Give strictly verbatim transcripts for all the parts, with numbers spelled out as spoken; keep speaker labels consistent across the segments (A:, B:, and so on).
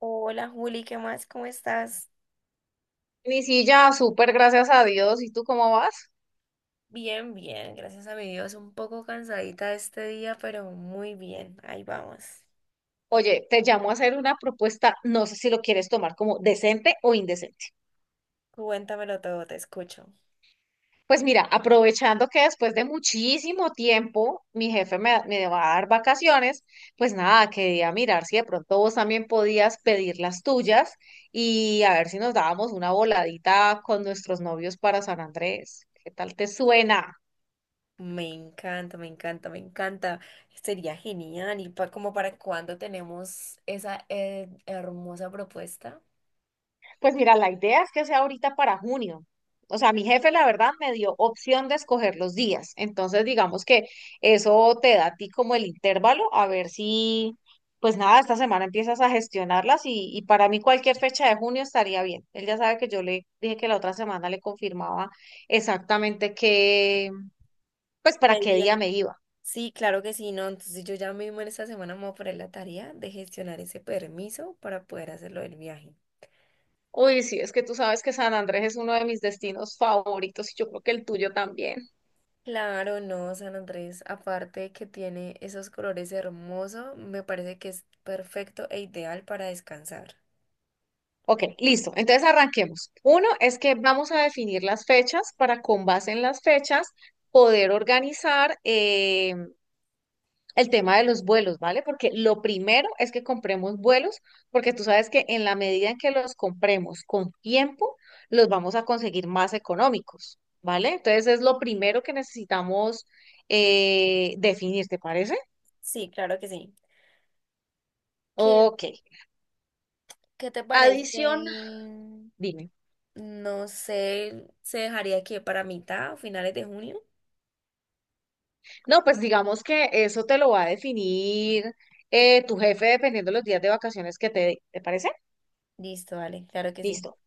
A: Hola Juli, ¿qué más? ¿Cómo estás?
B: Ni si ya, súper, gracias a Dios. ¿Y tú cómo vas?
A: Bien, bien, gracias a mi Dios. Un poco cansadita este día, pero muy bien. Ahí vamos.
B: Oye, te llamo a hacer una propuesta, no sé si lo quieres tomar como decente o indecente.
A: Cuéntamelo todo, te escucho.
B: Pues mira, aprovechando que después de muchísimo tiempo mi jefe me, me va a dar vacaciones, pues nada, quería mirar si de pronto vos también podías pedir las tuyas y a ver si nos dábamos una voladita con nuestros novios para San Andrés. ¿Qué tal te suena?
A: Me encanta, me encanta, me encanta. Sería genial. ¿Y pa- como para cuándo tenemos esa eh, hermosa propuesta?
B: Pues mira, la idea es que sea ahorita para junio. O sea, mi jefe, la verdad, me dio opción de escoger los días. Entonces, digamos que eso te da a ti como el intervalo, a ver si, pues nada, esta semana empiezas a gestionarlas y, y para mí cualquier fecha de junio estaría bien. Él ya sabe que yo le dije que la otra semana le confirmaba exactamente qué, pues para
A: ¿Qué
B: qué día
A: día?
B: me iba.
A: Sí, claro que sí, ¿no? Entonces yo ya mismo en esta semana me voy a poner la tarea de gestionar ese permiso para poder hacerlo del viaje.
B: Uy, sí, es que tú sabes que San Andrés es uno de mis destinos favoritos y yo creo que el tuyo también.
A: Claro, no, San Andrés, aparte de que tiene esos colores hermosos, me parece que es perfecto e ideal para descansar.
B: Ok, listo. Entonces arranquemos. Uno es que vamos a definir las fechas para con base en las fechas poder organizar eh, el tema de los vuelos, ¿vale? Porque lo primero es que compremos vuelos, porque tú sabes que en la medida en que los compremos con tiempo, los vamos a conseguir más económicos, ¿vale? Entonces es lo primero que necesitamos eh, definir, ¿te parece?
A: Sí, claro que sí. ¿Qué,
B: Ok.
A: qué te
B: Adición,
A: parece?
B: dime.
A: No sé, ¿se dejaría aquí para mitad o finales de junio?
B: No, pues digamos que eso te lo va a definir eh, tu jefe dependiendo de los días de vacaciones que te dé. ¿Te parece?
A: Listo, dale, claro que sí.
B: Listo.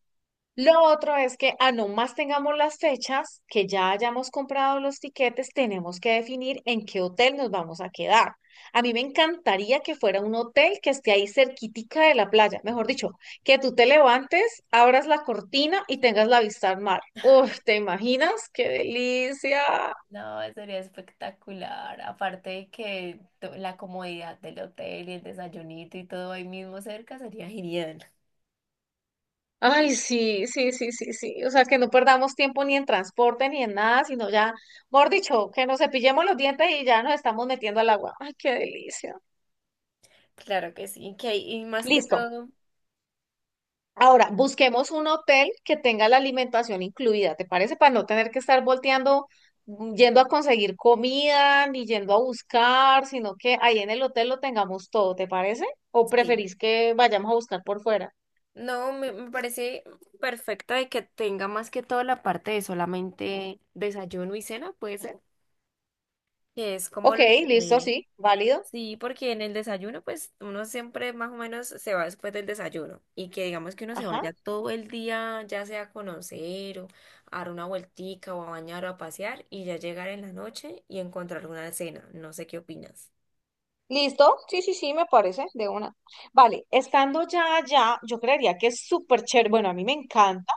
B: Lo otro es que a no más tengamos las fechas, que ya hayamos comprado los tiquetes, tenemos que definir en qué hotel nos vamos a quedar. A mí me encantaría que fuera un hotel que esté ahí cerquitica de la playa. Mejor dicho, que tú te levantes, abras la cortina y tengas la vista al mar. Uf, ¿te imaginas? ¡Qué delicia!
A: No, sería espectacular. Aparte de que to- la comodidad del hotel y el desayunito y todo ahí mismo cerca sería genial.
B: Ay, sí, sí, sí, sí, sí. O sea, que no perdamos tiempo ni en transporte ni en nada, sino ya, mejor dicho, que nos cepillemos los dientes y ya nos estamos metiendo al agua. Ay, qué delicia.
A: Claro que sí, que y más que
B: Listo.
A: todo,
B: Ahora, busquemos un hotel que tenga la alimentación incluida, ¿te parece? Para no tener que estar volteando, mm, yendo a conseguir comida, ni yendo a buscar, sino que ahí en el hotel lo tengamos todo, ¿te parece? ¿O
A: sí.
B: preferís que vayamos a buscar por fuera?
A: No, me, me parece perfecta de que tenga más que todo la parte de solamente desayuno y cena, puede ser, que es como
B: Ok,
A: lo
B: listo,
A: que...
B: sí, válido.
A: Sí, porque en el desayuno, pues uno siempre más o menos se va después del desayuno y que digamos que uno se
B: Ajá.
A: vaya todo el día, ya sea a conocer o a dar una vueltica o a bañar o a pasear y ya llegar en la noche y encontrar una cena. No sé qué opinas.
B: ¿Listo? Sí, sí, sí, me parece, de una. Vale, estando ya allá, yo creería que es súper chévere, bueno, a mí me encanta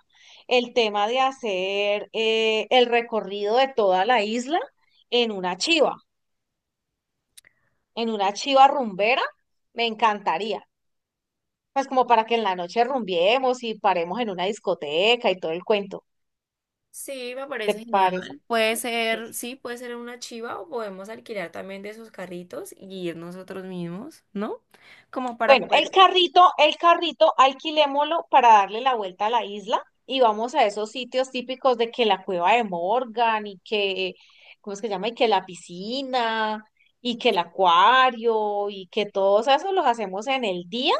B: el tema de hacer eh, el recorrido de toda la isla en una chiva, en una chiva rumbera, me encantaría. Pues como para que en la noche rumbiemos y paremos en una discoteca y todo el cuento.
A: Sí, me parece
B: ¿Te
A: genial.
B: parece?
A: Puede ser, sí, puede ser una chiva o podemos alquilar también de esos carritos y ir nosotros mismos, ¿no? Como para
B: Bueno, el
A: poder...
B: carrito, el carrito, alquilémoslo para darle la vuelta a la isla y vamos a esos sitios típicos de que la cueva de Morgan y que, ¿cómo es que se llama? Y que la piscina y que el acuario y que todos esos los hacemos en el día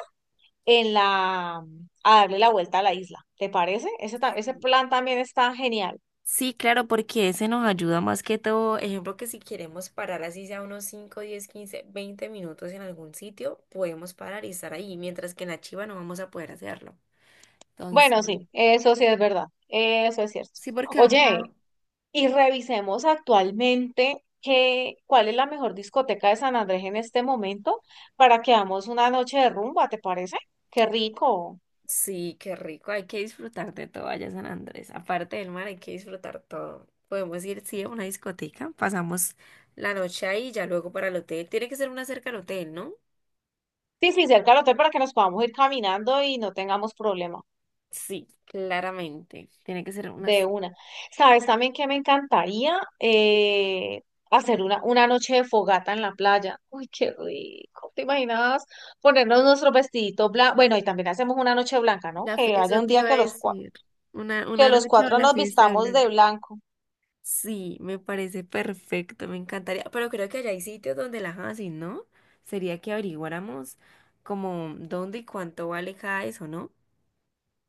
B: en la, a darle la vuelta a la isla. ¿Te parece? Ese, ta- ese plan también está genial.
A: Sí, claro, porque ese nos ayuda más que todo. Ejemplo, que si queremos parar así sea unos cinco, diez, quince, veinte minutos en algún sitio, podemos parar y estar ahí, mientras que en la chiva no vamos a poder hacerlo. Entonces,
B: Bueno, sí, eso sí es verdad. Eso es cierto.
A: sí, porque vamos a...
B: Oye, y revisemos actualmente qué, cuál es la mejor discoteca de San Andrés en este momento para que hagamos una noche de rumba, ¿te parece? Qué rico.
A: Sí, qué rico. Hay que disfrutar de todo allá en San Andrés. Aparte del mar, hay que disfrutar todo. Podemos ir, sí, a una discoteca. Pasamos la noche ahí y ya luego para el hotel. Tiene que ser una cerca al hotel, ¿no?
B: Sí, sí, cerca del hotel para que nos podamos ir caminando y no tengamos problema
A: Sí, claramente. Tiene que ser unas...
B: de una. ¿Sabes también que me encantaría Eh, hacer una, una noche de fogata en la playa? Uy, qué rico. ¿Te imaginas ponernos nuestro vestidito blanco? Bueno, y también hacemos una noche blanca, ¿no?
A: La fie-
B: Que haya
A: Eso
B: un
A: te
B: día
A: iba a
B: que los, cua-
A: decir. Una,
B: que
A: una
B: los
A: noche o
B: cuatro
A: la
B: nos
A: fiesta de
B: vistamos
A: Blanca.
B: de blanco.
A: Sí, me parece perfecto. Me encantaría. Pero creo que allá hay sitios donde las hacen, ¿no? Sería que averiguáramos como dónde y cuánto vale cada eso, ¿no?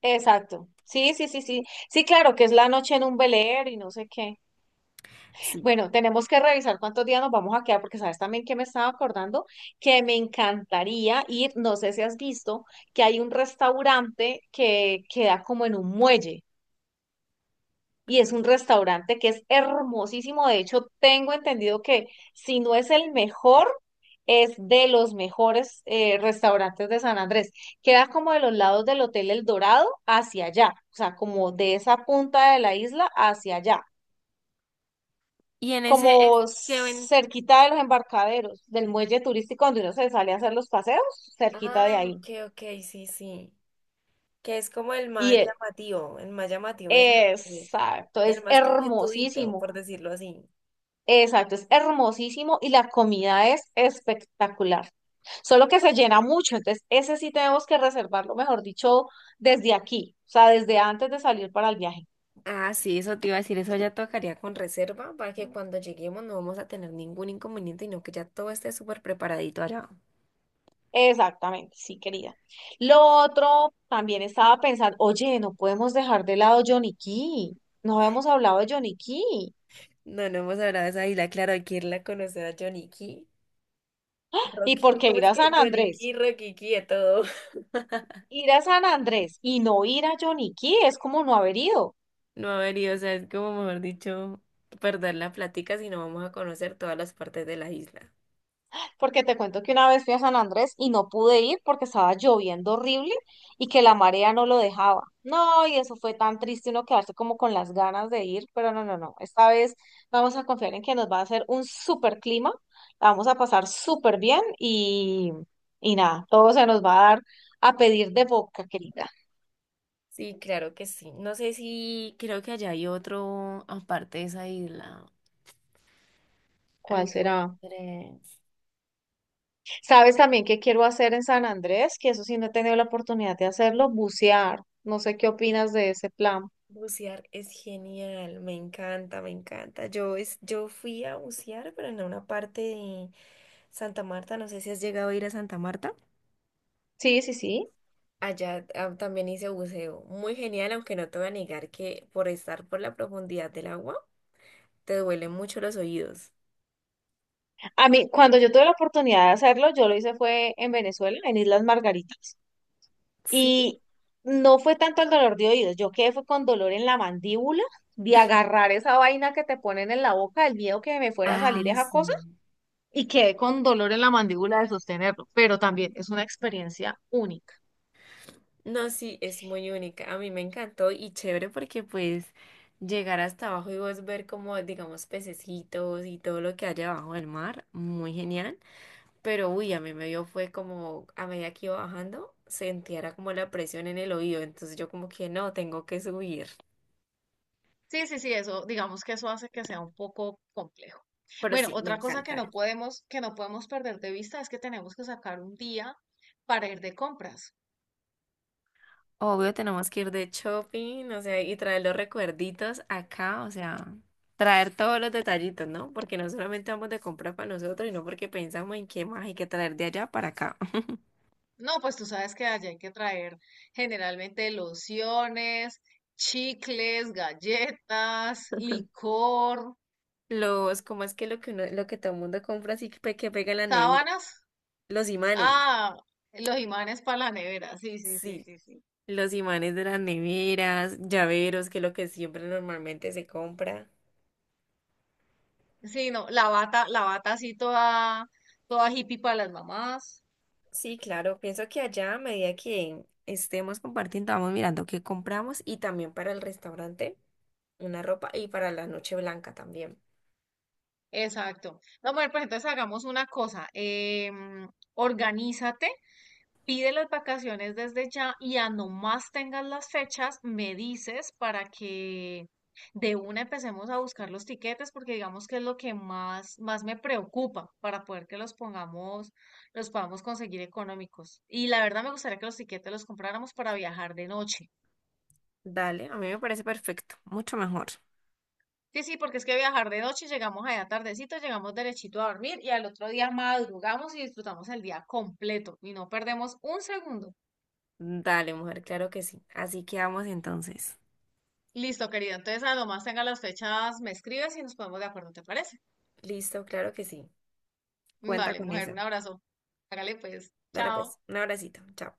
B: Exacto. Sí, sí, sí, sí. Sí, claro, que es la noche en un velero y no sé qué. Bueno, tenemos que revisar cuántos días nos vamos a quedar, porque sabes también que me estaba acordando que me encantaría ir, no sé si has visto, que hay un restaurante que queda como en un muelle y es un restaurante que es hermosísimo. De hecho, tengo entendido que si no es el mejor, es de los mejores eh, restaurantes de San Andrés. Queda como de los lados del Hotel El Dorado hacia allá, o sea, como de esa punta de la isla hacia allá,
A: Y en ese es
B: como
A: que ven.
B: cerquita de los embarcaderos, del muelle turístico donde uno se sale a hacer los paseos, cerquita
A: Ah,
B: de ahí.
A: ok, ok, sí, sí. Que es como el
B: Y
A: más
B: e-
A: llamativo, el más llamativo es así,
B: exacto,
A: y el
B: es
A: más coquetudito,
B: hermosísimo.
A: por decirlo así.
B: Exacto, es hermosísimo y la comida es espectacular. Solo que se llena mucho, entonces ese sí tenemos que reservarlo, mejor dicho, desde aquí, o sea, desde antes de salir para el viaje.
A: Ah, sí, eso te iba a decir, eso ya tocaría con reserva para que cuando lleguemos no vamos a tener ningún inconveniente, no que ya todo esté súper preparadito allá.
B: Exactamente, sí, querida. Lo otro, también estaba pensando, oye, no podemos dejar de lado Johnny Cay. No habíamos hablado de Johnny Cay.
A: No, no hemos hablado de esa isla, claro, hay que irla a conocer a Johnny Key,
B: ¿Y por
A: Rocky,
B: qué
A: ¿cómo
B: ir
A: es
B: a
A: que?
B: San
A: Johnny
B: Andrés?
A: Key, Rocky Key, a todo.
B: Ir a San Andrés y no ir a Johnny Cay es como no haber ido.
A: No, a ver, y, o sea, es como mejor dicho, perder la plática si no vamos a conocer todas las partes de la isla.
B: Porque te cuento que una vez fui a San Andrés y no pude ir porque estaba lloviendo horrible y que la marea no lo dejaba. No, y eso fue tan triste uno quedarse como con las ganas de ir, pero no, no, no. Esta vez vamos a confiar en que nos va a hacer un súper clima, la vamos a pasar súper bien y, y nada, todo se nos va a dar a pedir de boca, querida.
A: Sí, claro que sí. No sé si creo que allá hay otro aparte de esa isla.
B: ¿Cuál será?
A: Entonces,
B: ¿Sabes también qué quiero hacer en San Andrés? Que eso sí no he tenido la oportunidad de hacerlo, bucear. No sé qué opinas de ese plan.
A: bucear es genial, me encanta, me encanta. Yo es, yo fui a bucear, pero en una parte de Santa Marta. No sé si has llegado a ir a Santa Marta.
B: Sí, sí, sí.
A: Allá ah, también hice buceo. Muy genial, aunque no te voy a negar que por estar por la profundidad del agua, te duelen mucho los oídos.
B: A mí, cuando yo tuve la oportunidad de hacerlo, yo lo hice fue en Venezuela, en Islas Margaritas,
A: Sí.
B: y no fue tanto el dolor de oídos, yo quedé fue con dolor en la mandíbula, de agarrar esa vaina que te ponen en la boca, el miedo que me fuera a
A: Ah,
B: salir esa
A: sí.
B: cosa, y quedé con dolor en la mandíbula de sostenerlo, pero también es una experiencia única.
A: No, sí, es muy única. A mí me encantó y chévere porque pues llegar hasta abajo y vos ver como, digamos, pececitos y todo lo que hay abajo del mar, muy genial. Pero uy, a mí me dio fue como a medida que iba bajando, sentía era como la presión en el oído, entonces yo como que no, tengo que subir.
B: Sí, sí, sí, eso, digamos que eso hace que sea un poco complejo.
A: Pero
B: Bueno,
A: sí, me
B: otra cosa que
A: encanta.
B: no podemos, que no podemos perder de vista es que tenemos que sacar un día para ir de compras.
A: Obvio, tenemos que ir de shopping, o sea, y traer los recuerditos acá, o sea, traer todos los detallitos, ¿no? Porque no solamente vamos de compra para nosotros, sino porque pensamos en qué más hay que traer de allá para acá.
B: No, pues tú sabes que allá hay que traer generalmente lociones, chicles, galletas, licor,
A: Los, ¿cómo es que lo que uno, lo que todo el mundo compra así que, pe- que pega en la nevera?
B: sábanas.
A: Los imanes.
B: Ah, los imanes para la nevera. Sí, sí, sí,
A: Sí,
B: sí, sí.
A: los imanes de las neveras, llaveros, que es lo que siempre normalmente se compra.
B: Sí, no, la bata, la bata así toda, toda hippie para las mamás.
A: Sí, claro, pienso que allá a medida que estemos compartiendo, vamos mirando qué compramos y también para el restaurante. Una ropa y para la noche blanca también.
B: Exacto. No, mujer, pues entonces hagamos una cosa. em, organízate Pide las vacaciones desde ya y a no más tengas las fechas, me dices para que de una empecemos a buscar los tiquetes, porque digamos que es lo que más, más me preocupa para poder que los pongamos, los podamos conseguir económicos. Y la verdad me gustaría que los tiquetes los compráramos para viajar de noche.
A: Dale, a mí me parece perfecto, mucho mejor.
B: Sí, sí, porque es que viajar de noche, llegamos allá tardecito, llegamos derechito a dormir y al otro día madrugamos y disfrutamos el día completo y no perdemos un segundo.
A: Dale, mujer, claro que sí. Así quedamos entonces.
B: Listo, querida. Entonces, a lo más tenga las fechas, me escribes y nos ponemos de acuerdo, ¿te parece?
A: Listo, claro que sí. Cuenta
B: Vale,
A: con
B: mujer,
A: eso.
B: un abrazo. Hágale pues.
A: Dale pues,
B: Chao.
A: un abracito. Chao.